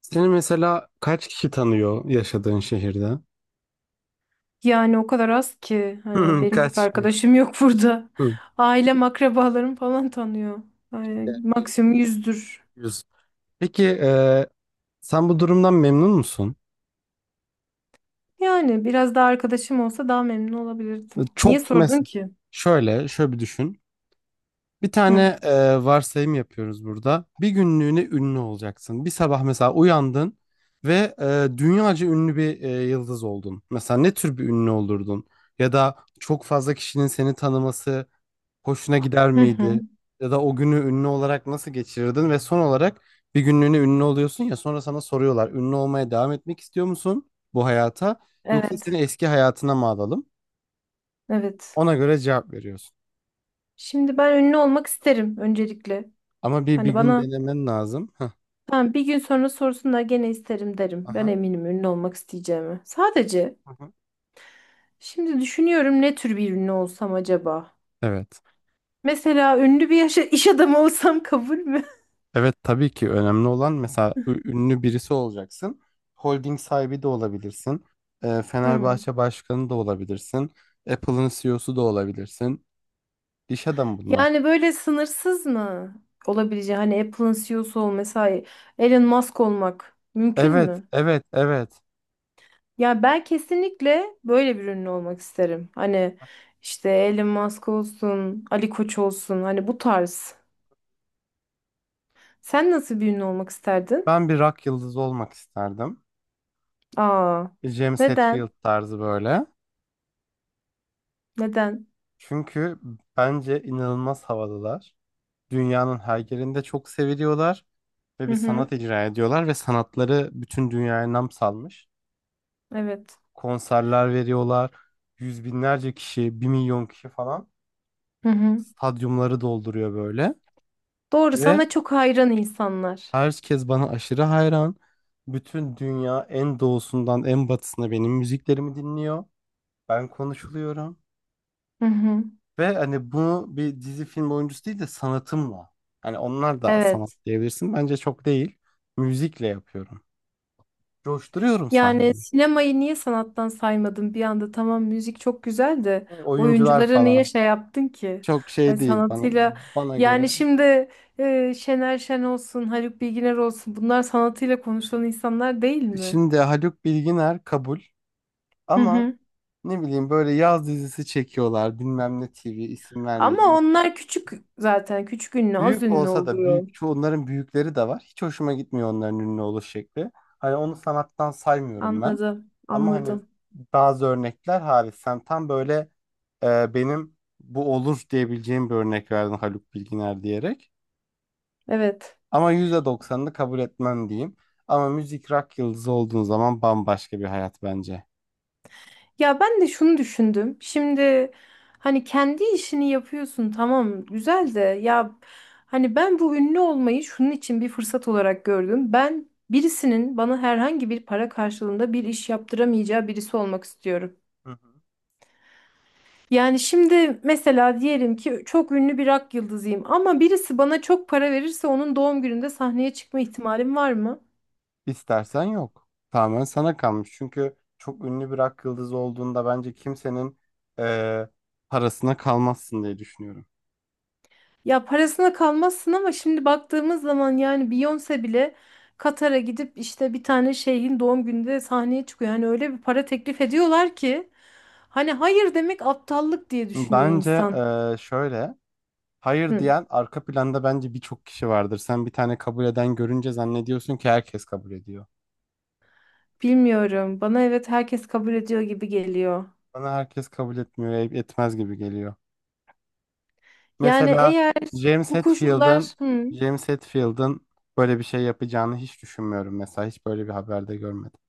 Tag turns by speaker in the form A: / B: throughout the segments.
A: Seni mesela kaç kişi tanıyor yaşadığın şehirde?
B: Yani o kadar az ki hani benim pek
A: Kaç?
B: arkadaşım yok burada.
A: Hı.
B: Ailem, akrabalarım falan tanıyor. Ay,
A: Yani 50,
B: maksimum 100'dür.
A: 100. Peki sen bu durumdan memnun musun?
B: Yani biraz daha arkadaşım olsa daha memnun olabilirdim. Niye
A: Çok
B: sordun
A: mesela
B: ki?
A: şöyle bir düşün. Bir
B: Hı.
A: tane varsayım yapıyoruz burada. Bir günlüğüne ünlü olacaksın. Bir sabah mesela uyandın ve dünyaca ünlü bir yıldız oldun. Mesela ne tür bir ünlü olurdun? Ya da çok fazla kişinin seni tanıması hoşuna gider
B: Hı hı.
A: miydi? Ya da o günü ünlü olarak nasıl geçirirdin? Ve son olarak bir günlüğüne ünlü oluyorsun ya, sonra sana soruyorlar. Ünlü olmaya devam etmek istiyor musun bu hayata? Yoksa
B: Evet.
A: seni eski hayatına mı alalım?
B: Evet.
A: Ona göre cevap veriyorsun.
B: Şimdi ben ünlü olmak isterim öncelikle.
A: Ama bir
B: Hani
A: gün
B: bana
A: denemen lazım. Heh.
B: tamam bir gün sonra sorsunlar gene isterim derim. Ben
A: Aha.
B: eminim ünlü olmak isteyeceğimi. Sadece
A: Aha.
B: şimdi düşünüyorum ne tür bir ünlü olsam acaba?
A: Evet.
B: Mesela ünlü bir iş adamı olsam kabul mü?
A: Evet, tabii ki önemli olan, mesela ünlü birisi olacaksın. Holding sahibi de olabilirsin.
B: Hmm.
A: Fenerbahçe başkanı da olabilirsin. Apple'ın CEO'su da olabilirsin. İş adamı bunlar.
B: Yani böyle sınırsız mı olabileceği hani Apple'ın CEO'su ol mesela Elon Musk olmak mümkün
A: Evet,
B: mü?
A: evet, evet.
B: Ya ben kesinlikle böyle bir ünlü olmak isterim. Hani işte Elon Musk olsun, Ali Koç olsun hani bu tarz. Sen nasıl bir ünlü olmak isterdin?
A: Ben bir rock yıldızı olmak isterdim.
B: Aa,
A: Bir James
B: neden?
A: Hetfield tarzı böyle.
B: Neden?
A: Çünkü bence inanılmaz havalılar. Dünyanın her yerinde çok seviliyorlar ve
B: Hı
A: bir
B: hı,
A: sanat icra ediyorlar ve sanatları bütün dünyaya nam salmış.
B: evet.
A: Konserler veriyorlar. Yüz binlerce kişi, bir milyon kişi falan
B: Hı hı.
A: stadyumları dolduruyor böyle.
B: Doğru,
A: Ve
B: sana çok hayran insanlar.
A: herkes bana aşırı hayran. Bütün dünya en doğusundan en batısına benim müziklerimi dinliyor. Ben konuşuluyorum
B: Hı hı.
A: ve hani bunu bir dizi film oyuncusu değil de sanatımla. Hani onlar da sanat
B: Evet.
A: diyebilirsin. Bence çok değil. Müzikle yapıyorum. Coşturuyorum
B: Yani
A: sahneyi.
B: sinemayı niye sanattan saymadın bir anda? Tamam, müzik çok güzel de
A: Oyuncular
B: oyunculara niye
A: falan.
B: şey yaptın ki?
A: Çok
B: Hani
A: şey değil bana
B: sanatıyla,
A: bana göre.
B: yani şimdi Şener Şen olsun, Haluk Bilginer olsun bunlar sanatıyla konuşulan insanlar değil mi?
A: Şimdi Haluk Bilginer kabul
B: Hı
A: ama
B: hı.
A: ne bileyim, böyle yaz dizisi çekiyorlar. Bilmem ne TV, isim
B: Ama
A: vermeyeyim.
B: onlar küçük, zaten küçük ünlü, az
A: Büyük
B: ünlü
A: olsa da,
B: oluyor.
A: büyük çoğu onların büyükleri de var. Hiç hoşuma gitmiyor onların ünlü oluş şekli. Hani onu sanattan saymıyorum ben.
B: Anladım
A: Ama hani
B: anladım,
A: bazı örnekler hariç sen tam böyle benim bu olur diyebileceğim bir örnek verdin, Haluk Bilginer diyerek.
B: evet.
A: Ama %90'ını kabul etmem diyeyim. Ama müzik, rock yıldızı olduğun zaman bambaşka bir hayat bence.
B: Ya ben de şunu düşündüm. Şimdi hani kendi işini yapıyorsun, tamam güzel de ya, hani ben bu ünlü olmayı şunun için bir fırsat olarak gördüm. Ben birisinin bana herhangi bir para karşılığında bir iş yaptıramayacağı birisi olmak istiyorum.
A: Hı hı.
B: Yani şimdi mesela diyelim ki çok ünlü bir rock yıldızıyım ama birisi bana çok para verirse onun doğum gününde sahneye çıkma ihtimalim var mı?
A: İstersen yok. Tamamen sana kalmış. Çünkü çok ünlü bir rock yıldızı olduğunda bence kimsenin e, parasına kalmazsın diye düşünüyorum.
B: Ya parasına kalmazsın ama şimdi baktığımız zaman, yani Beyoncé bile Katar'a gidip işte bir tane şeyhin doğum gününde sahneye çıkıyor. Yani öyle bir para teklif ediyorlar ki hani hayır demek aptallık diye düşünüyor
A: Bence
B: insan.
A: şöyle. Hayır
B: Hı.
A: diyen, arka planda bence birçok kişi vardır. Sen bir tane kabul eden görünce zannediyorsun ki herkes kabul ediyor.
B: Bilmiyorum. Bana evet, herkes kabul ediyor gibi geliyor.
A: Bana herkes kabul etmiyor, etmez gibi geliyor.
B: Yani
A: Mesela
B: eğer
A: James
B: bu koşullar,
A: Hetfield'ın
B: hı.
A: James Hetfield'ın böyle bir şey yapacağını hiç düşünmüyorum mesela. Hiç böyle bir haberde görmedim.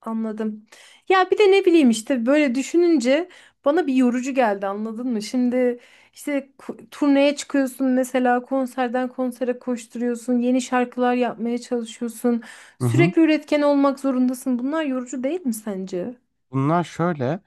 B: Anladım. Ya bir de ne bileyim işte böyle düşününce bana bir yorucu geldi, anladın mı? Şimdi işte turneye çıkıyorsun mesela, konserden konsere koşturuyorsun, yeni şarkılar yapmaya çalışıyorsun.
A: Hı hı.
B: Sürekli üretken olmak zorundasın. Bunlar yorucu değil mi sence?
A: Bunlar şöyle.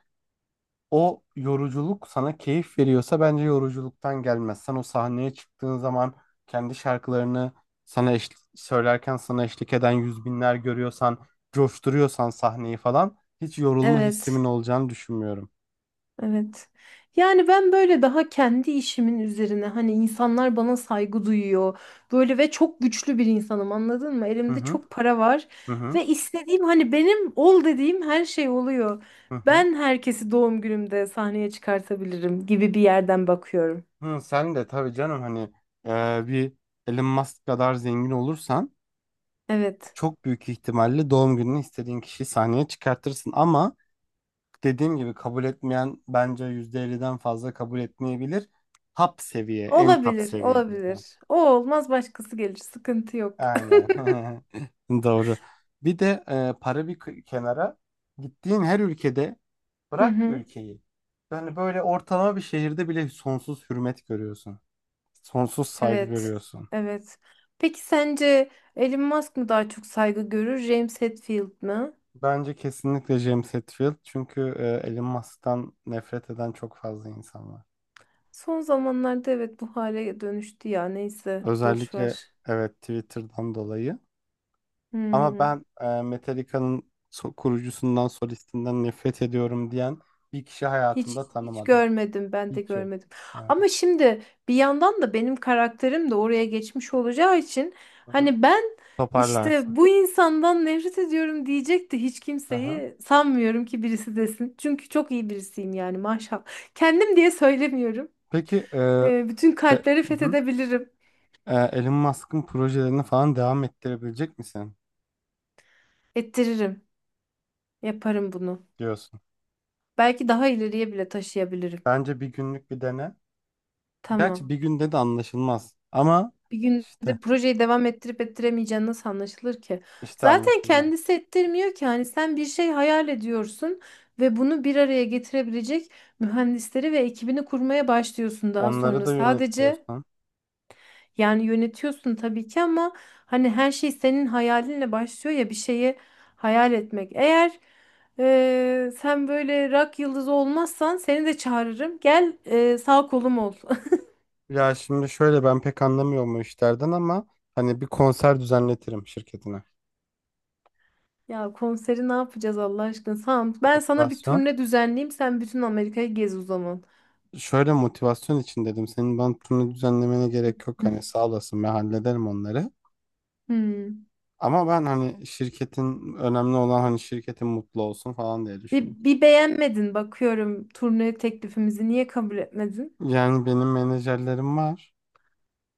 A: O yoruculuk sana keyif veriyorsa bence yoruculuktan gelmez. Sen o sahneye çıktığın zaman kendi şarkılarını sana söylerken, sana eşlik eden yüz binler görüyorsan, coşturuyorsan sahneyi falan, hiç yorulma hissimin
B: Evet.
A: olacağını düşünmüyorum.
B: Evet. Yani ben böyle daha kendi işimin üzerine, hani insanlar bana saygı duyuyor. Böyle ve çok güçlü bir insanım, anladın mı?
A: Hı
B: Elimde
A: hı,
B: çok para var
A: hı hı,
B: ve istediğim, hani benim ol dediğim her şey oluyor.
A: hı hı.
B: Ben herkesi doğum günümde sahneye çıkartabilirim gibi bir yerden bakıyorum.
A: Hı, sen de tabii canım, hani bir Elon Musk kadar zengin olursan
B: Evet.
A: çok büyük ihtimalle doğum gününü istediğin kişiyi sahneye çıkartırsın, ama dediğim gibi kabul etmeyen bence %50'den fazla kabul etmeyebilir. Top seviye, en top
B: Olabilir,
A: seviye.
B: olabilir. O olmaz başkası gelir. Sıkıntı yok.
A: Aynen. Doğru. Bir de para bir kenara, gittiğin her ülkede,
B: Hı
A: bırak
B: hı.
A: ülkeyi. Yani böyle ortalama bir şehirde bile sonsuz hürmet görüyorsun. Sonsuz saygı
B: Evet.
A: görüyorsun.
B: Evet. Peki sence Elon Musk mı daha çok saygı görür, James Hetfield mi?
A: Bence kesinlikle James Hetfield, çünkü Elon Musk'tan nefret eden çok fazla insan var.
B: Son zamanlarda evet, bu hale dönüştü ya, neyse boş
A: Özellikle,
B: ver.
A: evet, Twitter'dan dolayı. Ama
B: Hmm.
A: ben Metallica'nın kurucusundan, solistinden nefret ediyorum diyen bir kişi
B: Hiç
A: hayatımda
B: hiç
A: tanımadım.
B: görmedim, ben de
A: Hiç yok.
B: görmedim.
A: Ha,
B: Ama şimdi bir yandan da benim karakterim de oraya geçmiş olacağı için
A: hı hı.
B: hani ben işte
A: Toparlarsın.
B: bu insandan nefret ediyorum diyecek de hiç
A: Hı.
B: kimseyi sanmıyorum ki birisi desin. Çünkü çok iyi birisiyim yani, maşallah. Kendim diye söylemiyorum.
A: Peki,
B: Bütün kalpleri
A: hı hı.
B: fethedebilirim.
A: Elon Musk'ın projelerini falan devam ettirebilecek misin
B: Ettiririm. Yaparım bunu.
A: diyorsun.
B: Belki daha ileriye bile taşıyabilirim.
A: Bence bir günlük bir dene.
B: Tamam.
A: Gerçi bir günde de anlaşılmaz. Ama
B: Bir
A: işte,
B: gündür projeyi devam ettirip ettiremeyeceğin nasıl anlaşılır ki? Zaten
A: anlaşılmaz.
B: kendisi ettirmiyor ki. Hani sen bir şey hayal ediyorsun ve bunu bir araya getirebilecek mühendisleri ve ekibini kurmaya başlıyorsun daha
A: Onları
B: sonra.
A: da
B: Sadece,
A: yönetiyorsun.
B: yani yönetiyorsun tabii ki ama hani her şey senin hayalinle başlıyor ya, bir şeyi hayal etmek. Eğer sen böyle rock yıldızı olmazsan seni de çağırırım. Gel, sağ kolum ol.
A: Ya şimdi şöyle, ben pek anlamıyorum o işlerden ama hani bir konser düzenletirim şirketine.
B: Ya konseri ne yapacağız Allah aşkına? Tamam. Ben sana bir
A: Motivasyon.
B: turne düzenleyeyim. Sen bütün Amerika'yı gez o zaman.
A: Şöyle, motivasyon için dedim. Senin bana turnu düzenlemene gerek yok. Hani sağ olasın, ben hallederim onları.
B: Hmm.
A: Ama ben hani şirketin, önemli olan hani şirketin mutlu olsun falan diye
B: Bir,
A: düşündüm.
B: bir beğenmedin bakıyorum turne teklifimizi. Niye kabul etmedin?
A: Yani benim menajerlerim var.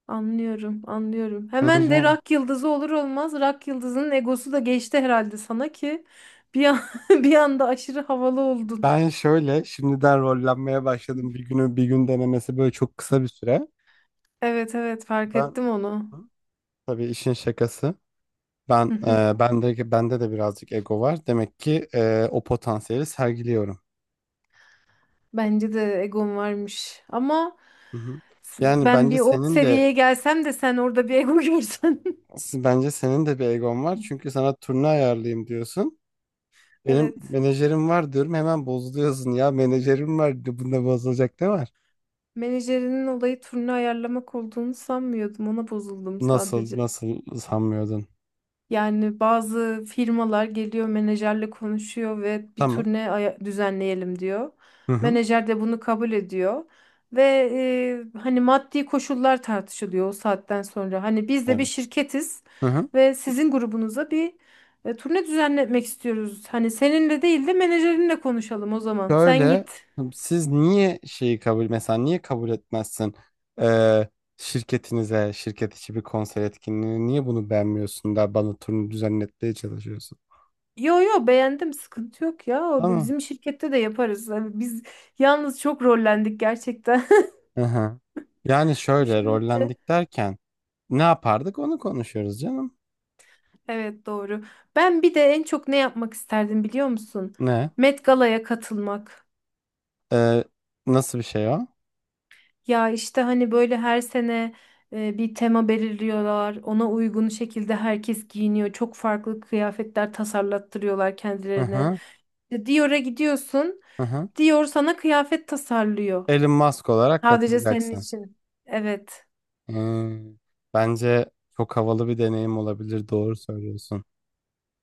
B: Anlıyorum, anlıyorum. Hemen de
A: Menajer.
B: rock yıldızı olur olmaz. Rock yıldızının egosu da geçti herhalde sana ki bir an, bir anda aşırı havalı oldun.
A: Ben şöyle şimdiden rollenmeye başladım. Bir günü bir gün denemesi, böyle çok kısa bir süre.
B: Evet evet, fark
A: Ben.
B: ettim onu.
A: Hı? Tabii, işin şakası. Ben
B: Hı hı.
A: bende de birazcık ego var. Demek ki o potansiyeli sergiliyorum.
B: Bence de egom varmış. Ama
A: Hı hı. Yani
B: ben
A: bence
B: bir o
A: senin de
B: seviyeye gelsem de sen orada bir ego görsen.
A: Bence senin de bir egon var. Çünkü sana turne ayarlayayım diyorsun. Benim
B: Evet.
A: menajerim var diyorum. Hemen bozuluyorsun. Ya menajerim var. Bunda bozulacak ne var?
B: Menajerinin olayı turne ayarlamak olduğunu sanmıyordum. Ona bozuldum
A: Nasıl
B: sadece.
A: nasıl sanmıyordun?
B: Yani bazı firmalar geliyor, menajerle konuşuyor ve bir
A: Tamam.
B: turne düzenleyelim diyor.
A: Hı hı.
B: Menajer de bunu kabul ediyor. Ve hani maddi koşullar tartışılıyor o saatten sonra. Hani biz de bir
A: Evet.
B: şirketiz
A: Hı hı.
B: ve sizin grubunuza bir turne düzenletmek istiyoruz. Hani seninle değil de menajerinle konuşalım o zaman. Sen
A: Şöyle,
B: git.
A: siz niye şeyi kabul, mesela niye kabul etmezsin? Ee, şirketinize şirket içi bir konser etkinliğini, niye bunu beğenmiyorsun da bana turnu düzenletmeye çalışıyorsun?
B: Yo yo, beğendim, sıkıntı yok ya. O
A: Tamam.
B: bizim şirkette de yaparız. Hani biz yalnız çok rollendik gerçekten,
A: Hı hı. Yani şöyle
B: düşününce,
A: rollendik derken, ne yapardık onu konuşuyoruz canım.
B: evet doğru. Ben bir de en çok ne yapmak isterdim biliyor musun?
A: Ne?
B: Met Gala'ya katılmak.
A: Ee, nasıl bir şey o?
B: Ya işte hani böyle her sene bir tema belirliyorlar, ona uygun şekilde herkes giyiniyor, çok farklı kıyafetler tasarlattırıyorlar
A: Hı
B: kendilerine.
A: hı,
B: İşte Dior'a gidiyorsun,
A: hı hı.
B: Dior sana kıyafet tasarlıyor,
A: Elon Musk olarak
B: sadece senin
A: katılacaksın.
B: için. Evet.
A: Hmm. Bence çok havalı bir deneyim olabilir. Doğru söylüyorsun.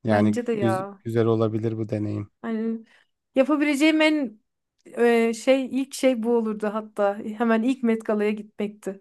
A: Yani
B: Bence de ya.
A: güzel olabilir bu deneyim.
B: Hani yapabileceğim en şey, ilk şey bu olurdu hatta. Hemen ilk Met Gala'ya gitmekti.